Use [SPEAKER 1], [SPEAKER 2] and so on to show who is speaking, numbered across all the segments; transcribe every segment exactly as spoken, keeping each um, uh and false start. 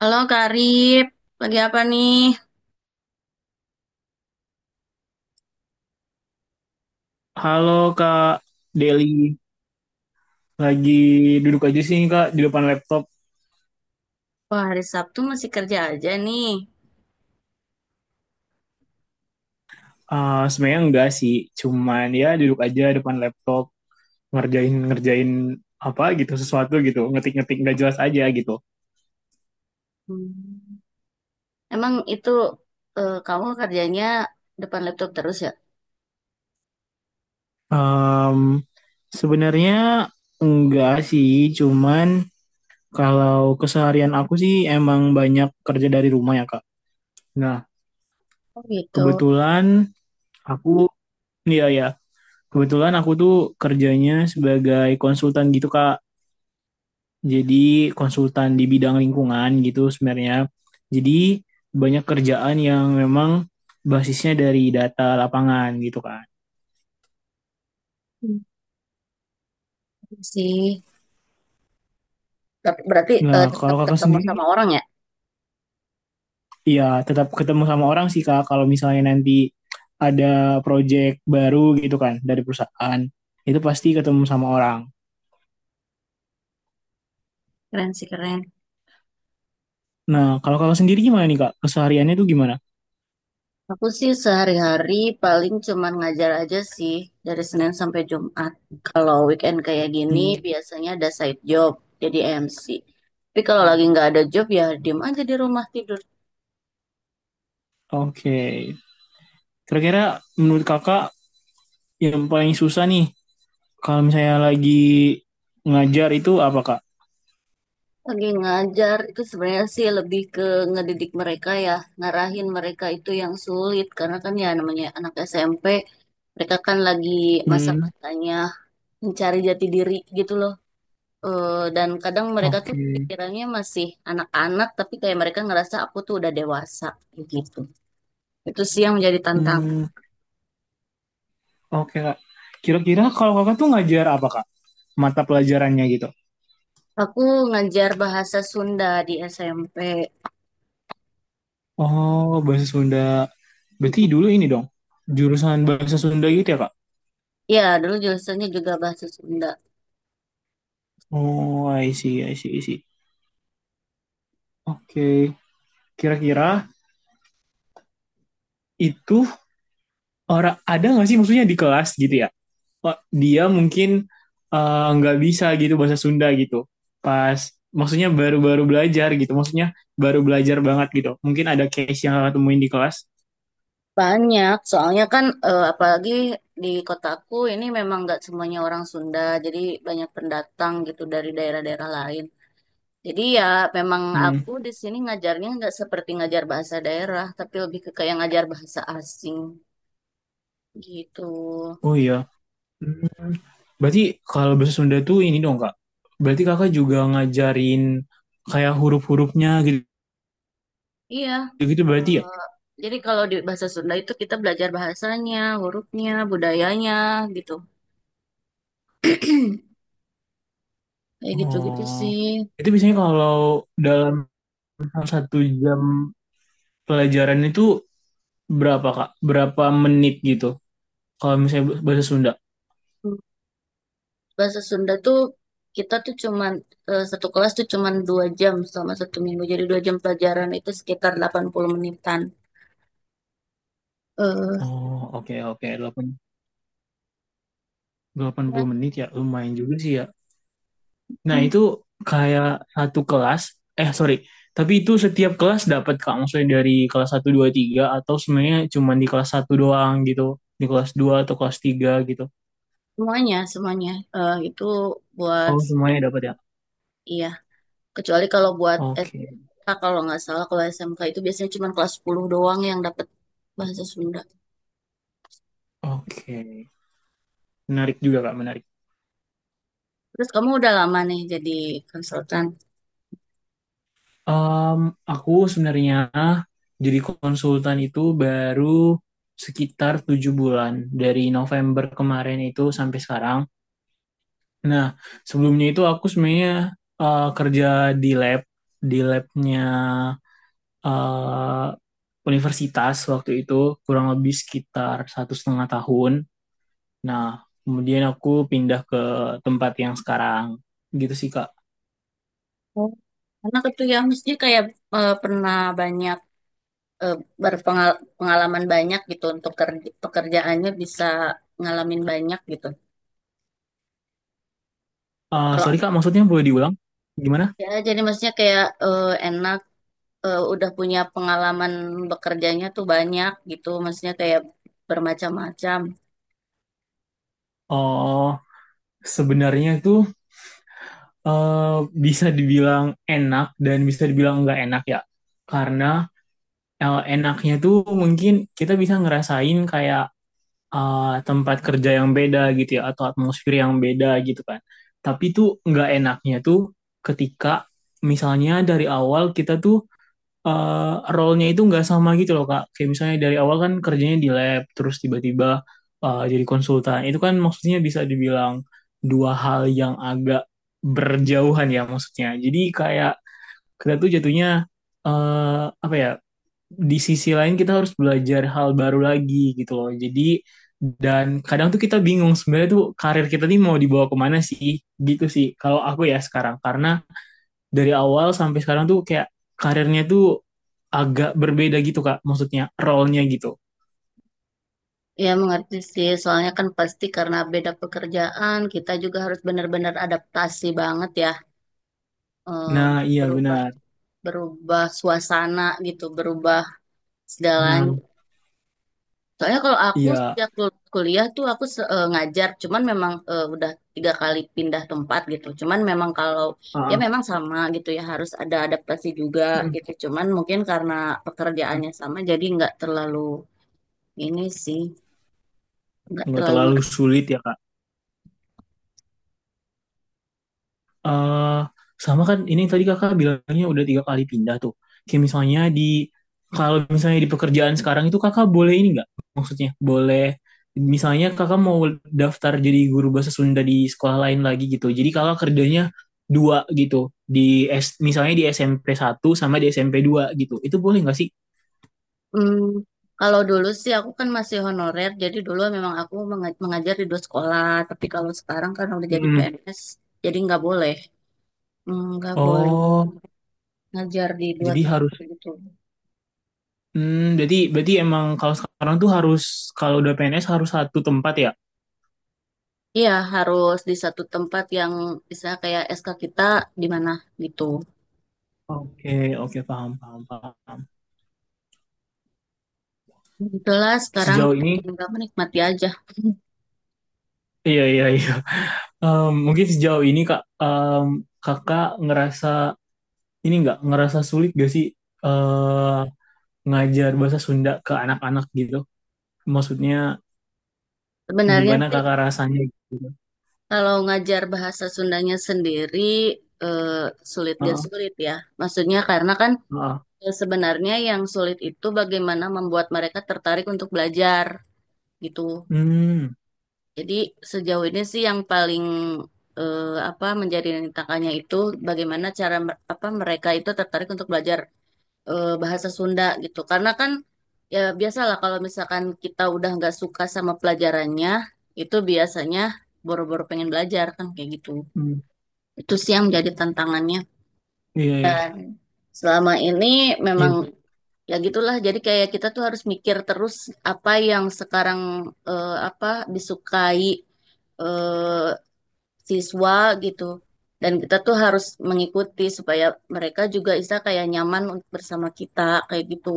[SPEAKER 1] Halo Karib, lagi apa nih?
[SPEAKER 2] Halo Kak Deli, lagi duduk aja sih Kak di depan laptop.
[SPEAKER 1] Wah, hari Sabtu masih kerja aja nih.
[SPEAKER 2] Ah, sebenarnya enggak sih, cuman ya duduk aja depan laptop ngerjain ngerjain apa gitu sesuatu gitu, ngetik-ngetik nggak jelas aja gitu.
[SPEAKER 1] Hmm. Emang itu eh, kamu kerjanya depan laptop terus ya?
[SPEAKER 2] Em, sebenarnya enggak sih, cuman kalau keseharian aku sih emang banyak kerja dari rumah ya Kak. Nah,
[SPEAKER 1] Oh gitu.
[SPEAKER 2] kebetulan aku, iya ya, kebetulan aku tuh kerjanya sebagai konsultan gitu Kak. Jadi konsultan di bidang lingkungan gitu sebenarnya. Jadi banyak kerjaan yang memang basisnya dari data lapangan gitu kan.
[SPEAKER 1] Hmm, iya sih. Tapi berarti
[SPEAKER 2] Nah,
[SPEAKER 1] eh,
[SPEAKER 2] kalau
[SPEAKER 1] tetap
[SPEAKER 2] kakak
[SPEAKER 1] ketemu
[SPEAKER 2] sendiri,
[SPEAKER 1] sama orang ya?
[SPEAKER 2] ya tetap ketemu sama orang sih kak. Kalau misalnya nanti ada proyek baru gitu kan dari perusahaan, itu pasti ketemu sama orang.
[SPEAKER 1] Keren sih keren.
[SPEAKER 2] Nah, kalau kakak sendiri gimana nih kak? Kesehariannya tuh gimana?
[SPEAKER 1] Aku sih sehari-hari paling cuman ngajar aja sih dari Senin sampai Jumat. Kalau weekend kayak gini
[SPEAKER 2] Hmm,
[SPEAKER 1] biasanya ada side job jadi M C. Tapi kalau lagi nggak ada job ya diem aja di rumah tidur.
[SPEAKER 2] oke. Okay. Kira-kira menurut kakak yang paling susah nih kalau misalnya lagi ngajar itu apa kak?
[SPEAKER 1] Lagi ngajar itu sebenarnya sih lebih ke ngedidik mereka ya, ngarahin mereka itu yang sulit karena kan ya namanya anak S M P, mereka kan lagi
[SPEAKER 2] Hmm,
[SPEAKER 1] masa-masanya mencari jati diri gitu loh. Eh, dan kadang mereka tuh
[SPEAKER 2] oke.
[SPEAKER 1] pikirannya masih anak-anak tapi kayak mereka ngerasa aku tuh udah dewasa gitu. Itu sih yang menjadi tantangan.
[SPEAKER 2] Hmm, oke, Kak. Kira-kira kalau Kakak tuh ngajar apa, Kak? Mata pelajarannya gitu.
[SPEAKER 1] Aku ngajar bahasa Sunda di S M P.
[SPEAKER 2] Oh, bahasa Sunda. Berarti dulu ini dong, jurusan bahasa Sunda gitu ya, Kak?
[SPEAKER 1] Ya, dulu jurusannya juga bahasa Sunda.
[SPEAKER 2] Oh, I see, I see, I see. Oke. Kira-kira itu orang ada nggak sih maksudnya di kelas gitu ya? Oh, dia mungkin eh, nggak bisa gitu bahasa Sunda gitu. Pas maksudnya baru-baru belajar gitu. Maksudnya baru belajar banget gitu. Mungkin ada case yang Kakak temuin di kelas.
[SPEAKER 1] Banyak, soalnya kan eh, apalagi di kotaku ini memang nggak semuanya orang Sunda, jadi banyak pendatang gitu dari daerah-daerah lain. Jadi ya memang
[SPEAKER 2] Hmm.
[SPEAKER 1] aku di sini ngajarnya nggak seperti ngajar bahasa daerah, tapi lebih ke kayak ngajar bahasa asing gitu.
[SPEAKER 2] Oh iya. Hmm. Berarti kalau bahasa Sunda tuh ini dong kak. Berarti kakak juga ngajarin kayak huruf-hurufnya
[SPEAKER 1] Iya,
[SPEAKER 2] gitu-gitu berarti ya?
[SPEAKER 1] eh, jadi kalau di bahasa Sunda itu kita belajar bahasanya, hurufnya, budayanya gitu. Kayak gitu-gitu
[SPEAKER 2] Oh.
[SPEAKER 1] sih.
[SPEAKER 2] Itu biasanya kalau dalam satu jam pelajaran itu berapa kak? Berapa menit gitu? Kalau misalnya bahasa Sunda.
[SPEAKER 1] Hmm. Bahasa Sunda tuh kita tuh cuman eh, satu kelas tuh cuman dua jam selama satu minggu. Jadi dua jam pelajaran itu sekitar delapan puluh menitan. eh
[SPEAKER 2] Oh oke oke. delapan
[SPEAKER 1] Ya,
[SPEAKER 2] puluh menit ya lumayan juga sih ya. Nah,
[SPEAKER 1] hmm,
[SPEAKER 2] itu kayak satu kelas, eh sorry, tapi itu setiap kelas dapat Kak, maksudnya dari kelas satu dua tiga atau sebenarnya cuma di kelas satu doang gitu, di kelas dua atau kelas tiga gitu.
[SPEAKER 1] semuanya, semuanya eh, itu buat
[SPEAKER 2] Oh,
[SPEAKER 1] semua.
[SPEAKER 2] semuanya dapat ya?
[SPEAKER 1] Iya. Kecuali kalau buat
[SPEAKER 2] Oke,
[SPEAKER 1] S M K, kalau nggak salah kalau S M K itu biasanya cuman kelas sepuluh doang yang dapat bahasa Sunda.
[SPEAKER 2] oke. Menarik juga Kak, menarik.
[SPEAKER 1] Terus kamu udah lama nih jadi konsultan.
[SPEAKER 2] Em, aku sebenarnya jadi konsultan itu baru sekitar tujuh bulan, dari November kemarin itu sampai sekarang. Nah, sebelumnya itu aku sebenarnya eh, kerja di lab, di labnya eh, universitas waktu itu kurang lebih sekitar satu setengah tahun. Nah, kemudian aku pindah ke tempat yang sekarang. Gitu sih, Kak.
[SPEAKER 1] Oh. Karena itu ya mesti kayak eh, pernah banyak eh, berpengalaman banyak gitu untuk kerja- pekerjaannya bisa ngalamin banyak gitu.
[SPEAKER 2] Eh, sorry,
[SPEAKER 1] Kalau
[SPEAKER 2] Kak, maksudnya boleh diulang? Gimana?
[SPEAKER 1] ya jadi maksudnya kayak eh, enak eh, udah punya pengalaman bekerjanya tuh banyak gitu, maksudnya kayak bermacam-macam.
[SPEAKER 2] Oh, sebenarnya itu eh, bisa dibilang enak dan bisa dibilang nggak enak ya. Karena eh, enaknya tuh mungkin kita bisa ngerasain kayak eh, tempat kerja yang beda gitu ya atau atmosfer yang beda gitu kan. Tapi tuh nggak enaknya tuh ketika misalnya dari awal kita tuh eh, role-nya itu nggak sama gitu loh Kak. Kayak misalnya dari awal kan kerjanya di lab terus tiba-tiba eh, jadi konsultan. Itu kan maksudnya bisa dibilang dua hal yang agak berjauhan ya maksudnya. Jadi kayak kita tuh jatuhnya eh apa ya di sisi lain kita harus belajar hal baru lagi gitu loh. Jadi dan kadang tuh kita bingung sebenarnya tuh karir kita nih mau dibawa kemana sih gitu sih kalau aku ya sekarang karena dari awal sampai sekarang tuh kayak karirnya tuh agak berbeda gitu Kak maksudnya role-nya gitu.
[SPEAKER 1] Ya mengerti sih, soalnya kan pasti karena beda pekerjaan, kita juga harus benar-benar adaptasi banget ya, eh,
[SPEAKER 2] Nah, iya
[SPEAKER 1] berubah
[SPEAKER 2] benar.
[SPEAKER 1] berubah suasana gitu, berubah
[SPEAKER 2] Nah,
[SPEAKER 1] segalanya. Soalnya kalau aku
[SPEAKER 2] iya,
[SPEAKER 1] sejak lulus kuliah tuh aku se- eh, ngajar, cuman memang eh, udah tiga kali pindah tempat gitu. Cuman memang kalau ya
[SPEAKER 2] heeh.
[SPEAKER 1] memang sama gitu ya harus ada adaptasi juga
[SPEAKER 2] Hmm,
[SPEAKER 1] gitu. Cuman mungkin karena
[SPEAKER 2] iya.
[SPEAKER 1] pekerjaannya sama jadi nggak terlalu ini sih, nggak
[SPEAKER 2] Nggak
[SPEAKER 1] terlalu
[SPEAKER 2] terlalu
[SPEAKER 1] ngeras-
[SPEAKER 2] sulit ya Kak. eh Sama kan ini yang tadi kakak bilangnya udah tiga kali pindah tuh. Kayak misalnya di kalau misalnya di pekerjaan sekarang itu kakak boleh ini nggak? Maksudnya boleh misalnya kakak mau daftar jadi guru bahasa Sunda di sekolah lain lagi gitu. Jadi kakak kerjanya dua gitu di S, misalnya di S M P satu sama di S M P dua gitu. Itu boleh nggak sih?
[SPEAKER 1] Hmm, Kalau dulu sih aku kan masih honorer, jadi dulu memang aku menga- mengajar di dua sekolah. Tapi kalau sekarang kan udah jadi
[SPEAKER 2] Hmm.
[SPEAKER 1] P N S, jadi nggak boleh, Hmm, nggak boleh
[SPEAKER 2] Oh,
[SPEAKER 1] ngajar di dua
[SPEAKER 2] jadi harus.
[SPEAKER 1] tempat gitu.
[SPEAKER 2] Hmm, berarti berarti emang kalau sekarang tuh harus kalau udah P N S harus satu tempat ya?
[SPEAKER 1] Iya, harus di satu tempat yang bisa kayak S K kita di mana gitu.
[SPEAKER 2] Oke, oke paham paham paham.
[SPEAKER 1] Itulah sekarang
[SPEAKER 2] Sejauh ini
[SPEAKER 1] tinggal menikmati aja.
[SPEAKER 2] iya iya iya. Em, mungkin sejauh ini kak em, kakak ngerasa ini nggak ngerasa sulit gak sih eh ngajar bahasa Sunda ke anak-anak gitu maksudnya
[SPEAKER 1] Sebenarnya
[SPEAKER 2] gimana
[SPEAKER 1] sih
[SPEAKER 2] kakak rasanya gitu.
[SPEAKER 1] kalau ngajar bahasa Sundanya sendiri eh, sulit gak
[SPEAKER 2] Heeh,
[SPEAKER 1] sulit ya. Maksudnya karena kan
[SPEAKER 2] heeh.
[SPEAKER 1] eh, sebenarnya yang sulit itu bagaimana membuat mereka tertarik untuk belajar gitu.
[SPEAKER 2] Hmm,
[SPEAKER 1] Jadi sejauh ini sih yang paling eh, apa menjadi tantangannya itu bagaimana cara mer- apa mereka itu tertarik untuk belajar eh, bahasa Sunda gitu. Karena kan ya biasalah kalau misalkan kita udah nggak suka sama pelajarannya, itu biasanya boro-boro pengen belajar kan kayak gitu.
[SPEAKER 2] hmm,
[SPEAKER 1] Itu sih yang menjadi tantangannya.
[SPEAKER 2] iya iya
[SPEAKER 1] Selama ini memang
[SPEAKER 2] iya
[SPEAKER 1] ya gitulah. Jadi kayak kita tuh harus mikir terus apa yang sekarang eh, apa disukai eh, siswa gitu. Dan kita tuh harus mengikuti supaya mereka juga bisa kayak nyaman untuk bersama kita kayak gitu.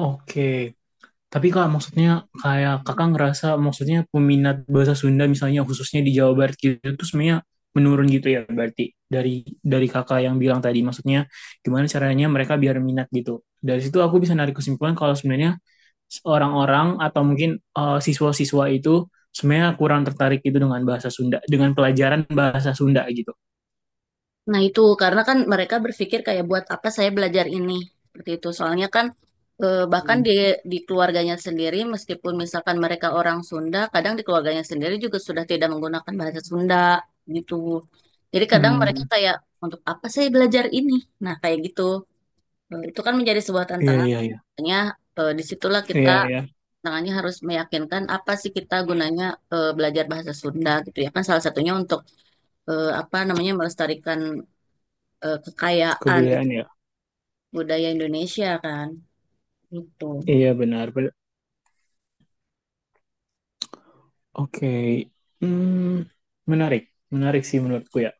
[SPEAKER 2] oke. Tapi Kak, maksudnya kayak kakak ngerasa maksudnya peminat bahasa Sunda misalnya khususnya di Jawa Barat gitu itu sebenarnya menurun gitu ya berarti dari dari kakak yang bilang tadi maksudnya gimana caranya mereka biar minat gitu. Dari situ aku bisa narik kesimpulan kalau sebenarnya orang-orang atau mungkin eh, siswa-siswa itu sebenarnya kurang tertarik gitu dengan bahasa Sunda, dengan pelajaran bahasa Sunda gitu.
[SPEAKER 1] Nah, itu karena kan mereka berpikir kayak buat apa saya belajar ini seperti itu. Soalnya kan eh, bahkan di
[SPEAKER 2] Hmm.
[SPEAKER 1] di keluarganya sendiri meskipun misalkan mereka orang Sunda, kadang di keluarganya sendiri juga sudah tidak menggunakan bahasa Sunda gitu. Jadi kadang mereka
[SPEAKER 2] Hmm.
[SPEAKER 1] kayak untuk apa saya belajar ini? Nah, kayak gitu. Eh, Itu kan menjadi sebuah
[SPEAKER 2] Iya,
[SPEAKER 1] tantangan.
[SPEAKER 2] iya, iya.
[SPEAKER 1] Makanya eh, disitulah kita
[SPEAKER 2] Iya, iya.
[SPEAKER 1] tangannya harus meyakinkan apa sih kita gunanya eh, belajar bahasa Sunda gitu ya kan salah satunya untuk eh, apa namanya melestarikan eh, kekayaan
[SPEAKER 2] Kebudayaan ya.
[SPEAKER 1] budaya Indonesia kan gitu.
[SPEAKER 2] Iya, benar. Oke, hmm, menarik, menarik sih menurutku ya.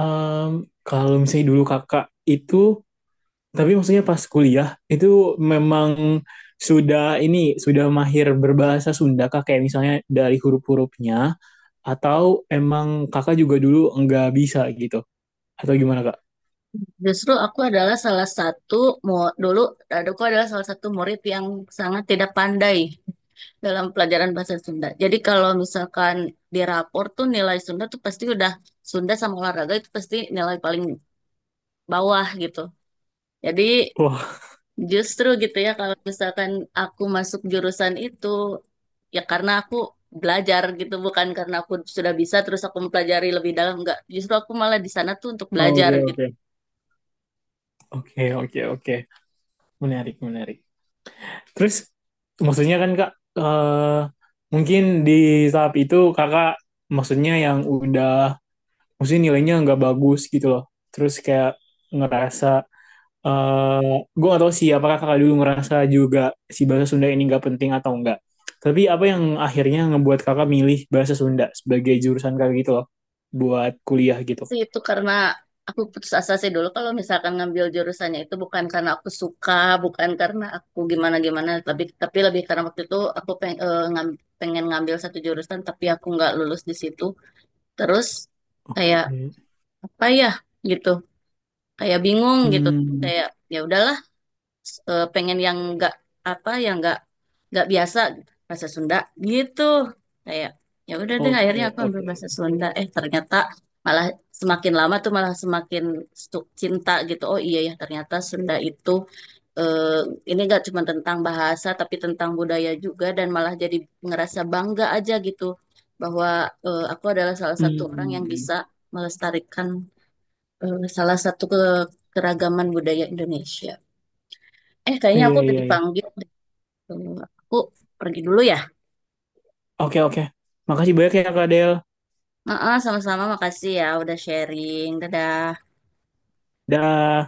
[SPEAKER 2] Em, kalau misalnya dulu kakak itu, tapi maksudnya pas kuliah itu memang sudah ini sudah mahir berbahasa Sunda kak, kayak misalnya dari huruf-hurufnya, atau emang kakak juga dulu nggak bisa gitu, atau gimana kak?
[SPEAKER 1] Justru aku adalah salah satu mu- dulu aku adalah salah satu murid yang sangat tidak pandai dalam pelajaran bahasa Sunda. Jadi kalau misalkan di rapor tuh nilai Sunda tuh pasti udah Sunda sama olahraga itu pasti nilai paling bawah gitu. Jadi
[SPEAKER 2] Wah,
[SPEAKER 1] justru gitu ya kalau misalkan aku masuk jurusan itu ya karena aku belajar gitu bukan karena aku sudah bisa terus aku mempelajari lebih dalam enggak justru aku malah di sana tuh untuk belajar
[SPEAKER 2] oke, oke. Oke, oke, oke, menarik, menarik. Terus maksudnya kan Kak eh, mungkin di tahap itu Kakak maksudnya yang udah maksudnya nilainya nggak bagus gitu loh. Terus kayak ngerasa eh gue gak tahu sih apakah Kakak dulu ngerasa juga si bahasa Sunda ini nggak penting atau enggak. Tapi apa yang akhirnya ngebuat Kakak milih bahasa Sunda sebagai jurusan Kakak gitu loh buat kuliah gitu.
[SPEAKER 1] sih itu karena aku putus asa sih dulu kalau misalkan ngambil jurusannya itu bukan karena aku suka, bukan karena aku gimana-gimana, tapi tapi lebih karena waktu itu aku peng, eh, ngam- pengen ngambil satu jurusan tapi aku nggak lulus di situ. Terus kayak
[SPEAKER 2] Hmm,
[SPEAKER 1] apa ya gitu, kayak bingung gitu.
[SPEAKER 2] hmm,
[SPEAKER 1] Kayak ya udahlah, eh, pengen yang nggak apa yang nggak nggak biasa, bahasa Sunda gitu. Kayak ya udah deh
[SPEAKER 2] oke,
[SPEAKER 1] akhirnya aku ambil
[SPEAKER 2] oke.
[SPEAKER 1] bahasa Sunda, eh ternyata malah semakin lama tuh malah semakin stu- cinta gitu. Oh iya ya, ternyata Sunda itu eh, ini gak cuma tentang bahasa tapi tentang budaya juga, dan malah jadi ngerasa bangga aja gitu bahwa eh, aku adalah salah satu orang yang
[SPEAKER 2] Hmm,
[SPEAKER 1] bisa melestarikan eh, salah satu ke keragaman budaya Indonesia. Eh, kayaknya
[SPEAKER 2] iya,
[SPEAKER 1] aku
[SPEAKER 2] iya,
[SPEAKER 1] tadi
[SPEAKER 2] iya.
[SPEAKER 1] panggil deh. Tuh, aku pergi dulu ya.
[SPEAKER 2] Oke, oke. Makasih banyak ya, Kak Del.
[SPEAKER 1] Heeh, sama-sama. Makasih ya udah sharing. Dadah.
[SPEAKER 2] Dah.